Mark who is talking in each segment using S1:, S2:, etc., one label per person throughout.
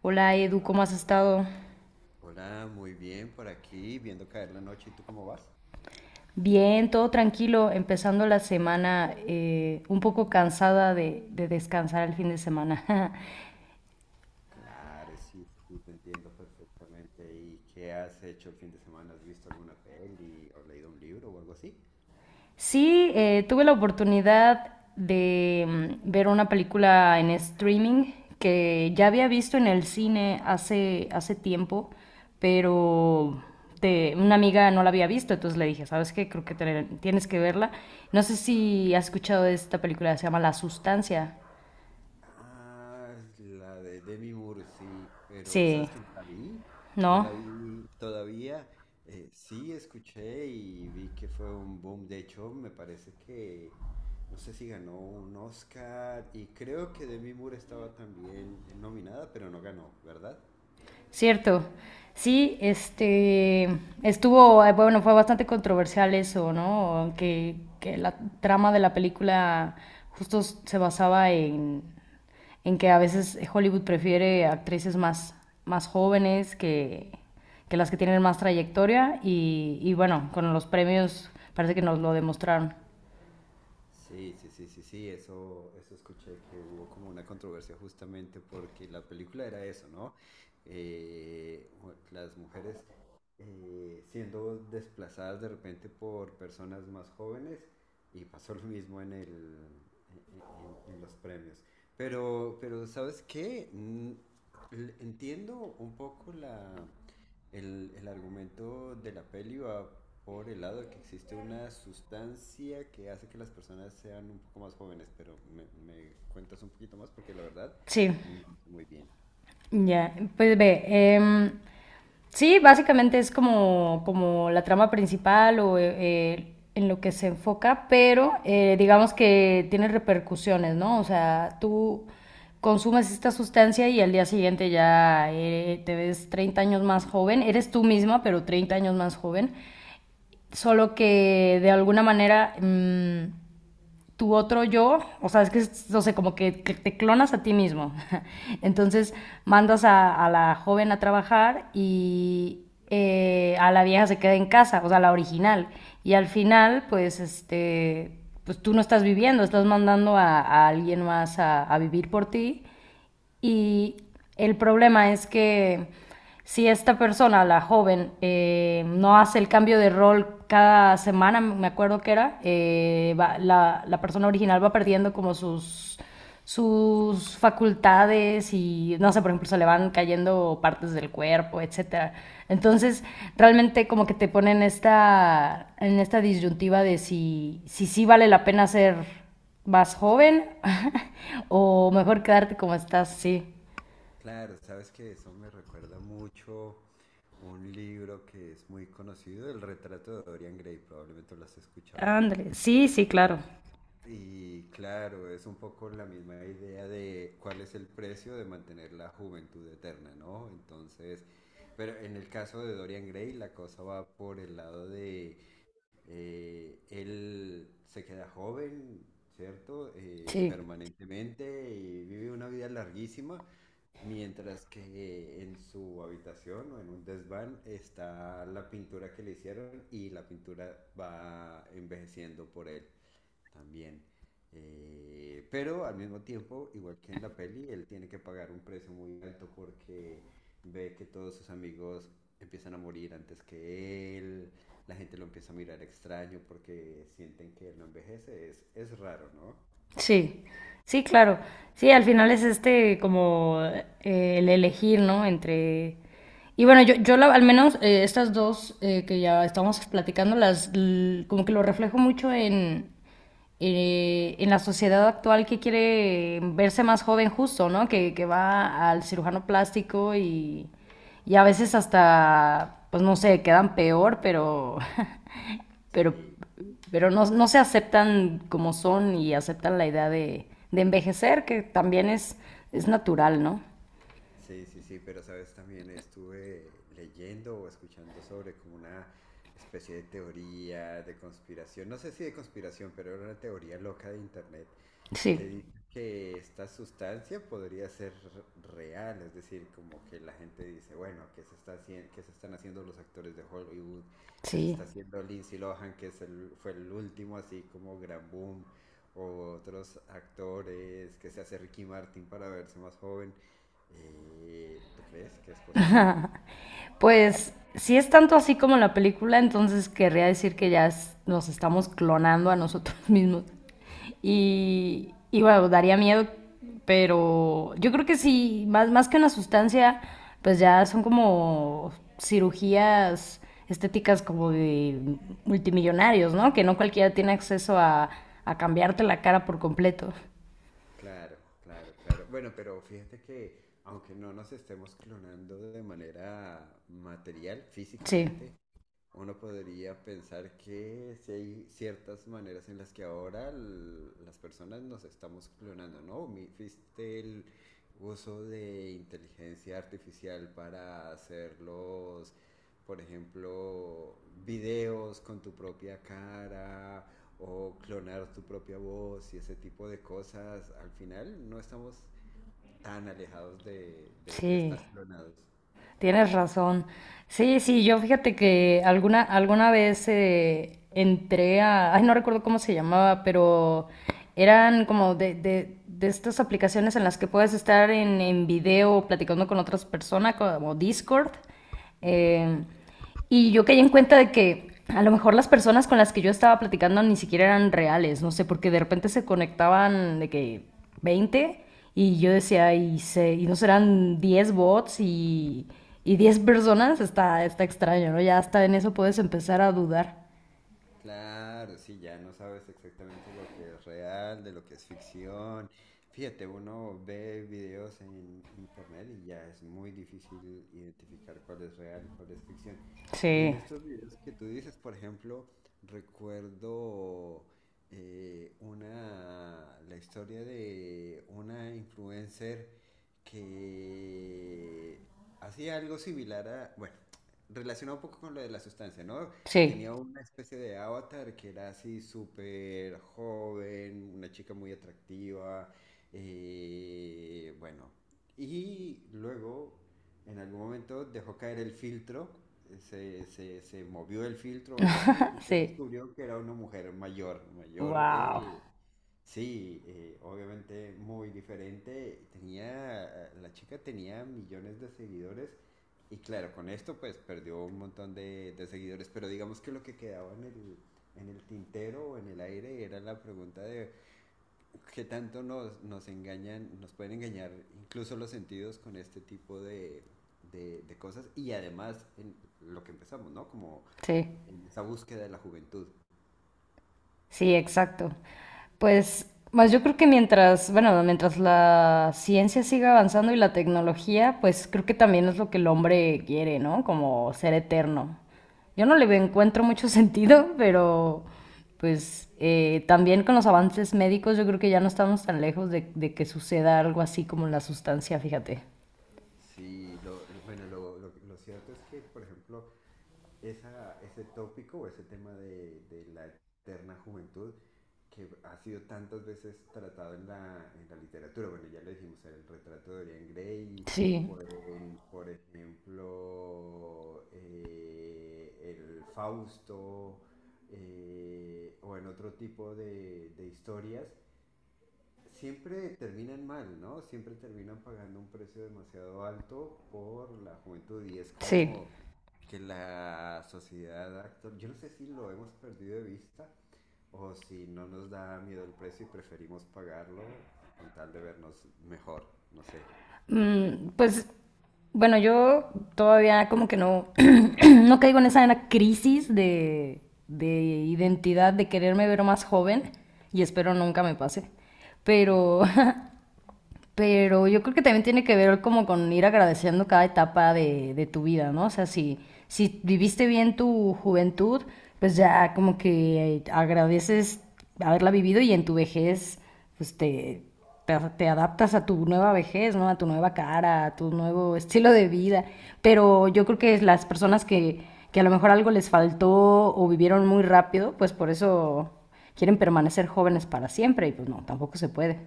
S1: Hola Edu, ¿cómo has estado?
S2: Hola, muy bien por aquí, viendo caer la noche. ¿Y tú cómo vas?
S1: Bien, todo tranquilo, empezando la semana un poco cansada de descansar el fin de semana.
S2: Claro, sí, sí, sí, te entiendo perfectamente. ¿Y qué has hecho el fin de semana? ¿Has visto alguna peli o leído un libro o algo así?
S1: Sí, tuve la oportunidad de ver una película en streaming que ya había visto en el cine hace tiempo, pero una amiga no la había visto, entonces le dije, ¿sabes qué? Creo que tienes que verla. No sé si has escuchado de esta película, se llama La Sustancia.
S2: Ah, la de Demi Moore, sí, pero
S1: Sí,
S2: ¿sabes que no la vi? No
S1: ¿no?
S2: la vi todavía. Sí, escuché y vi que fue un boom. De hecho, me parece que no sé si ganó un Oscar y creo que Demi Moore estaba también nominada, pero no ganó, ¿verdad?
S1: Cierto. Sí, este estuvo, bueno, fue bastante controversial eso, ¿no? Que la trama de la película justo se basaba en que a veces Hollywood prefiere actrices más, más jóvenes que las que tienen más trayectoria y bueno, con los premios parece que nos lo demostraron.
S2: Sí, sí, sí, sí, sí, eso escuché que hubo como una controversia justamente porque la película era eso, ¿no? Eh, las mujeres siendo desplazadas de repente por personas más jóvenes y pasó lo mismo en el, en los premios. Pero ¿sabes qué? Entiendo un poco el argumento de la peli, va por el lado de que existe una sustancia que hace que las personas sean un poco más jóvenes, pero me cuentas un poquito más porque la verdad
S1: Sí.
S2: no sé muy bien.
S1: Ya, pues ve, em, sí, básicamente es como, como la trama principal o en lo que se enfoca, pero digamos que tiene repercusiones, ¿no? O sea, tú consumes esta sustancia y al día siguiente ya te ves 30 años más joven, eres tú misma, pero 30 años más joven, solo que de alguna manera tu otro yo, o sea, no sé, como que te clonas a ti mismo.
S2: Sí,
S1: Entonces mandas a la joven a trabajar y a la vieja se queda en casa, o sea, la original. Y al final, pues, este, pues tú no estás viviendo, estás mandando a alguien más a vivir por ti y el problema es que si esta persona, la joven, no hace el cambio de rol cada semana, me acuerdo que era, la persona original va perdiendo como sus, sus facultades y, no sé, por ejemplo, se le van cayendo partes del cuerpo, etcétera. Entonces, realmente como que te ponen esta, en esta disyuntiva de si, si sí vale la pena ser más
S2: más joven
S1: joven
S2: o
S1: o
S2: nada.
S1: mejor quedarte como estás, sí.
S2: Claro, sabes que eso me recuerda mucho un libro que es muy conocido, El retrato de Dorian Gray, probablemente lo has escuchado.
S1: Ándale, sí, sí, claro.
S2: Y claro, es un poco la misma idea de cuál es el precio de mantener la juventud eterna, ¿no? Entonces, pero en el caso de Dorian Gray, la cosa va por el lado de él se queda joven, ¿cierto?
S1: Sí.
S2: Permanentemente y vive una vida larguísima, mientras que en su habitación o en un desván está la pintura que le hicieron y la pintura va envejeciendo por él también. Pero al mismo tiempo, igual que en la peli, él tiene que pagar un precio muy alto porque ve que todos sus amigos empiezan a morir antes que él, la gente lo empieza a mirar extraño porque sienten que él no envejece, es raro, ¿no?
S1: Sí, sí, claro. Sí, al final es este como el elegir, ¿no? Entre... Y bueno, yo, al menos estas dos que ya estamos platicando, como que lo reflejo mucho en la sociedad actual que quiere verse más joven justo, ¿no? Que va al cirujano plástico y a veces hasta, pues no sé, quedan peor, pero pero,
S2: Sí,
S1: pero no, no se aceptan como son y aceptan la idea de envejecer, que también es natural, ¿no?
S2: sí, sí, sí, pero sabes, también estuve leyendo o escuchando sobre como una especie de teoría de conspiración, no sé si de conspiración, pero era una teoría loca de internet
S1: Sí,
S2: que dice que esta sustancia podría ser real, es decir, como que la gente dice, bueno, que se está haciendo, ¿que se están haciendo los actores de Hollywood? ¿Que se
S1: sí.
S2: está haciendo Lindsay Lohan, que fue el último así como gran boom? O otros actores, que se hace Ricky Martin para verse más joven. ¿tú crees que es posible?
S1: Pues si es tanto así como la película, entonces querría decir que nos estamos clonando a nosotros mismos. Y bueno, daría miedo, pero yo creo que sí, más, más que una sustancia, pues ya son como cirugías estéticas como de multimillonarios, ¿no? Que no cualquiera tiene acceso a cambiarte la cara por completo.
S2: Claro, claro, claro. Bueno, pero fíjate que aunque no nos estemos clonando de manera material,
S1: Sí,
S2: físicamente, uno podría pensar que si hay ciertas maneras en las que ahora las personas nos estamos clonando, ¿no? ¿Viste el uso de inteligencia artificial para hacer los, por ejemplo, videos con tu propia cara o clonar tu propia voz y ese tipo de cosas? Al final no estamos tan alejados de
S1: sí.
S2: estar clonados.
S1: Tienes razón. Sí, sí, yo fíjate que alguna vez entré a, ay, no recuerdo cómo se llamaba, pero eran como de estas aplicaciones en las que puedes estar en video platicando con otras personas, como Discord. Eh, y yo caí en cuenta de que a lo mejor las personas con las que yo estaba platicando ni siquiera eran reales, no sé, porque de repente se conectaban de que 20 y yo decía, y no serán 10 bots y 10 personas, está, está extraño, ¿no? Ya hasta en eso puedes empezar a dudar.
S2: Claro, sí, ya no sabes exactamente lo que es real, de lo que es ficción. Fíjate, uno ve videos en internet y ya es muy difícil identificar cuál es real y cuál es ficción. Y en
S1: Sí,
S2: estos videos que tú dices, por ejemplo, recuerdo la historia de una influencer que hacía algo similar a, bueno, relacionado un poco con lo de la sustancia, ¿no? Tenía
S1: sí,
S2: una especie de avatar que era así súper joven, una chica muy atractiva, bueno. Y luego, en algún momento, dejó caer el filtro, se movió el filtro o algo así, y se
S1: sí,
S2: descubrió que era una mujer mayor, mayor,
S1: wow,
S2: sí, obviamente muy diferente. Tenía, la chica tenía millones de seguidores y claro, con esto pues perdió un montón de seguidores, pero digamos que lo que quedaba en el tintero o en el aire era la pregunta de qué tanto nos engañan, nos pueden engañar incluso los sentidos con este tipo de cosas y además en lo que empezamos, ¿no? Como
S1: sí.
S2: en esa búsqueda de la juventud.
S1: Sí, exacto. Pues, más yo creo que mientras, bueno, mientras la ciencia siga avanzando y la tecnología, pues creo que también es lo que el hombre quiere, ¿no? Como ser eterno. Yo no
S2: Sí.
S1: encuentro mucho sentido, pero pues también con los avances médicos yo creo que ya no estamos tan lejos de que suceda algo así como la sustancia, fíjate.
S2: Sí, bueno, lo cierto es que, por ejemplo, ese tópico o ese tema de la eterna juventud que ha sido tantas veces tratado en la literatura. Bueno, ya lo dijimos, era el retrato de Dorian Gray,
S1: Sí,
S2: o el, por ejemplo, el Fausto, o en otro tipo de historias. Siempre terminan mal, ¿no? Siempre terminan pagando un precio demasiado alto por la juventud y es
S1: sí.
S2: como que la sociedad actual, yo no sé si lo hemos perdido de vista, o si no nos da miedo el precio y preferimos pagarlo con tal de vernos mejor, no sé.
S1: Pues bueno, yo todavía como que no, no caigo en esa en la crisis de identidad, de quererme ver más joven y espero nunca me pase. Pero pero yo creo que también tiene que ver como con ir agradeciendo cada etapa de tu vida, ¿no? O sea, si, si viviste bien tu juventud, pues ya como que agradeces haberla vivido y en tu vejez, pues te adaptas a tu nueva vejez, ¿no? A tu nueva cara, a tu nuevo estilo de vida. Pero yo creo que las personas que a lo mejor algo les faltó o vivieron muy rápido, pues por eso quieren permanecer jóvenes para siempre y pues no, tampoco se puede.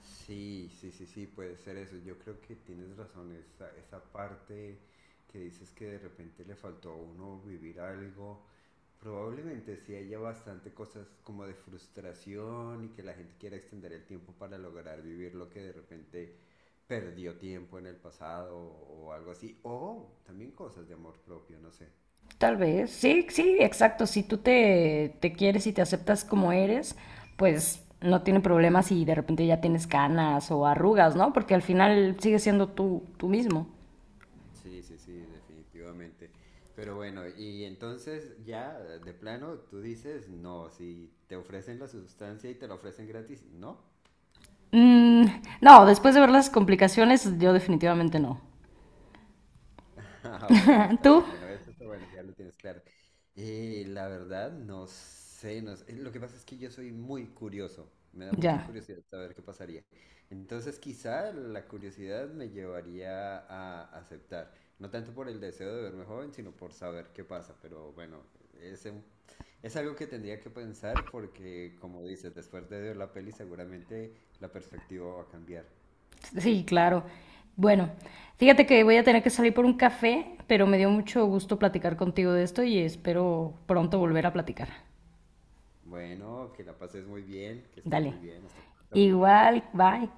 S2: Sí, sí, sí, sí, puede ser eso. Yo creo que tienes razón, esa parte que dices que de repente le faltó a uno vivir algo. Probablemente sí haya bastante cosas como de frustración y que la gente quiera extender el tiempo para lograr vivir lo que de repente perdió tiempo en el pasado o algo así. O también cosas de amor propio, no sé.
S1: Tal vez, sí, sí, exacto. Si tú te quieres y te aceptas como eres, pues no tiene problema si de repente ya tienes canas o arrugas, ¿no? Porque al final sigues siendo tú, tú mismo.
S2: Sí, sí, sí, definitivamente. Pero bueno, y entonces ya de plano tú dices, no, si te ofrecen la sustancia y te la ofrecen gratis, no.
S1: Mm, no, después de ver las complicaciones, yo definitivamente no.
S2: Ah, bueno, está
S1: ¿Tú?
S2: bien. Bueno, eso está bueno, ya lo tienes claro. La verdad, no sé, no sé. Lo que pasa es que yo soy muy curioso. Me da mucha
S1: Ya.
S2: curiosidad saber qué pasaría. Entonces, quizá la curiosidad me llevaría a aceptar. No tanto por el deseo de verme joven, sino por saber qué pasa. Pero bueno, es, un- es algo que tendría que pensar porque, como dices, después de ver la peli seguramente la perspectiva va a cambiar.
S1: Sí, claro. Bueno, fíjate que voy a tener que salir por un café, pero me dio mucho gusto platicar contigo de esto y espero pronto volver a platicar.
S2: Bueno, que la pases muy bien, que estés
S1: Dale.
S2: muy bien. Hasta pronto.
S1: Igual, bye.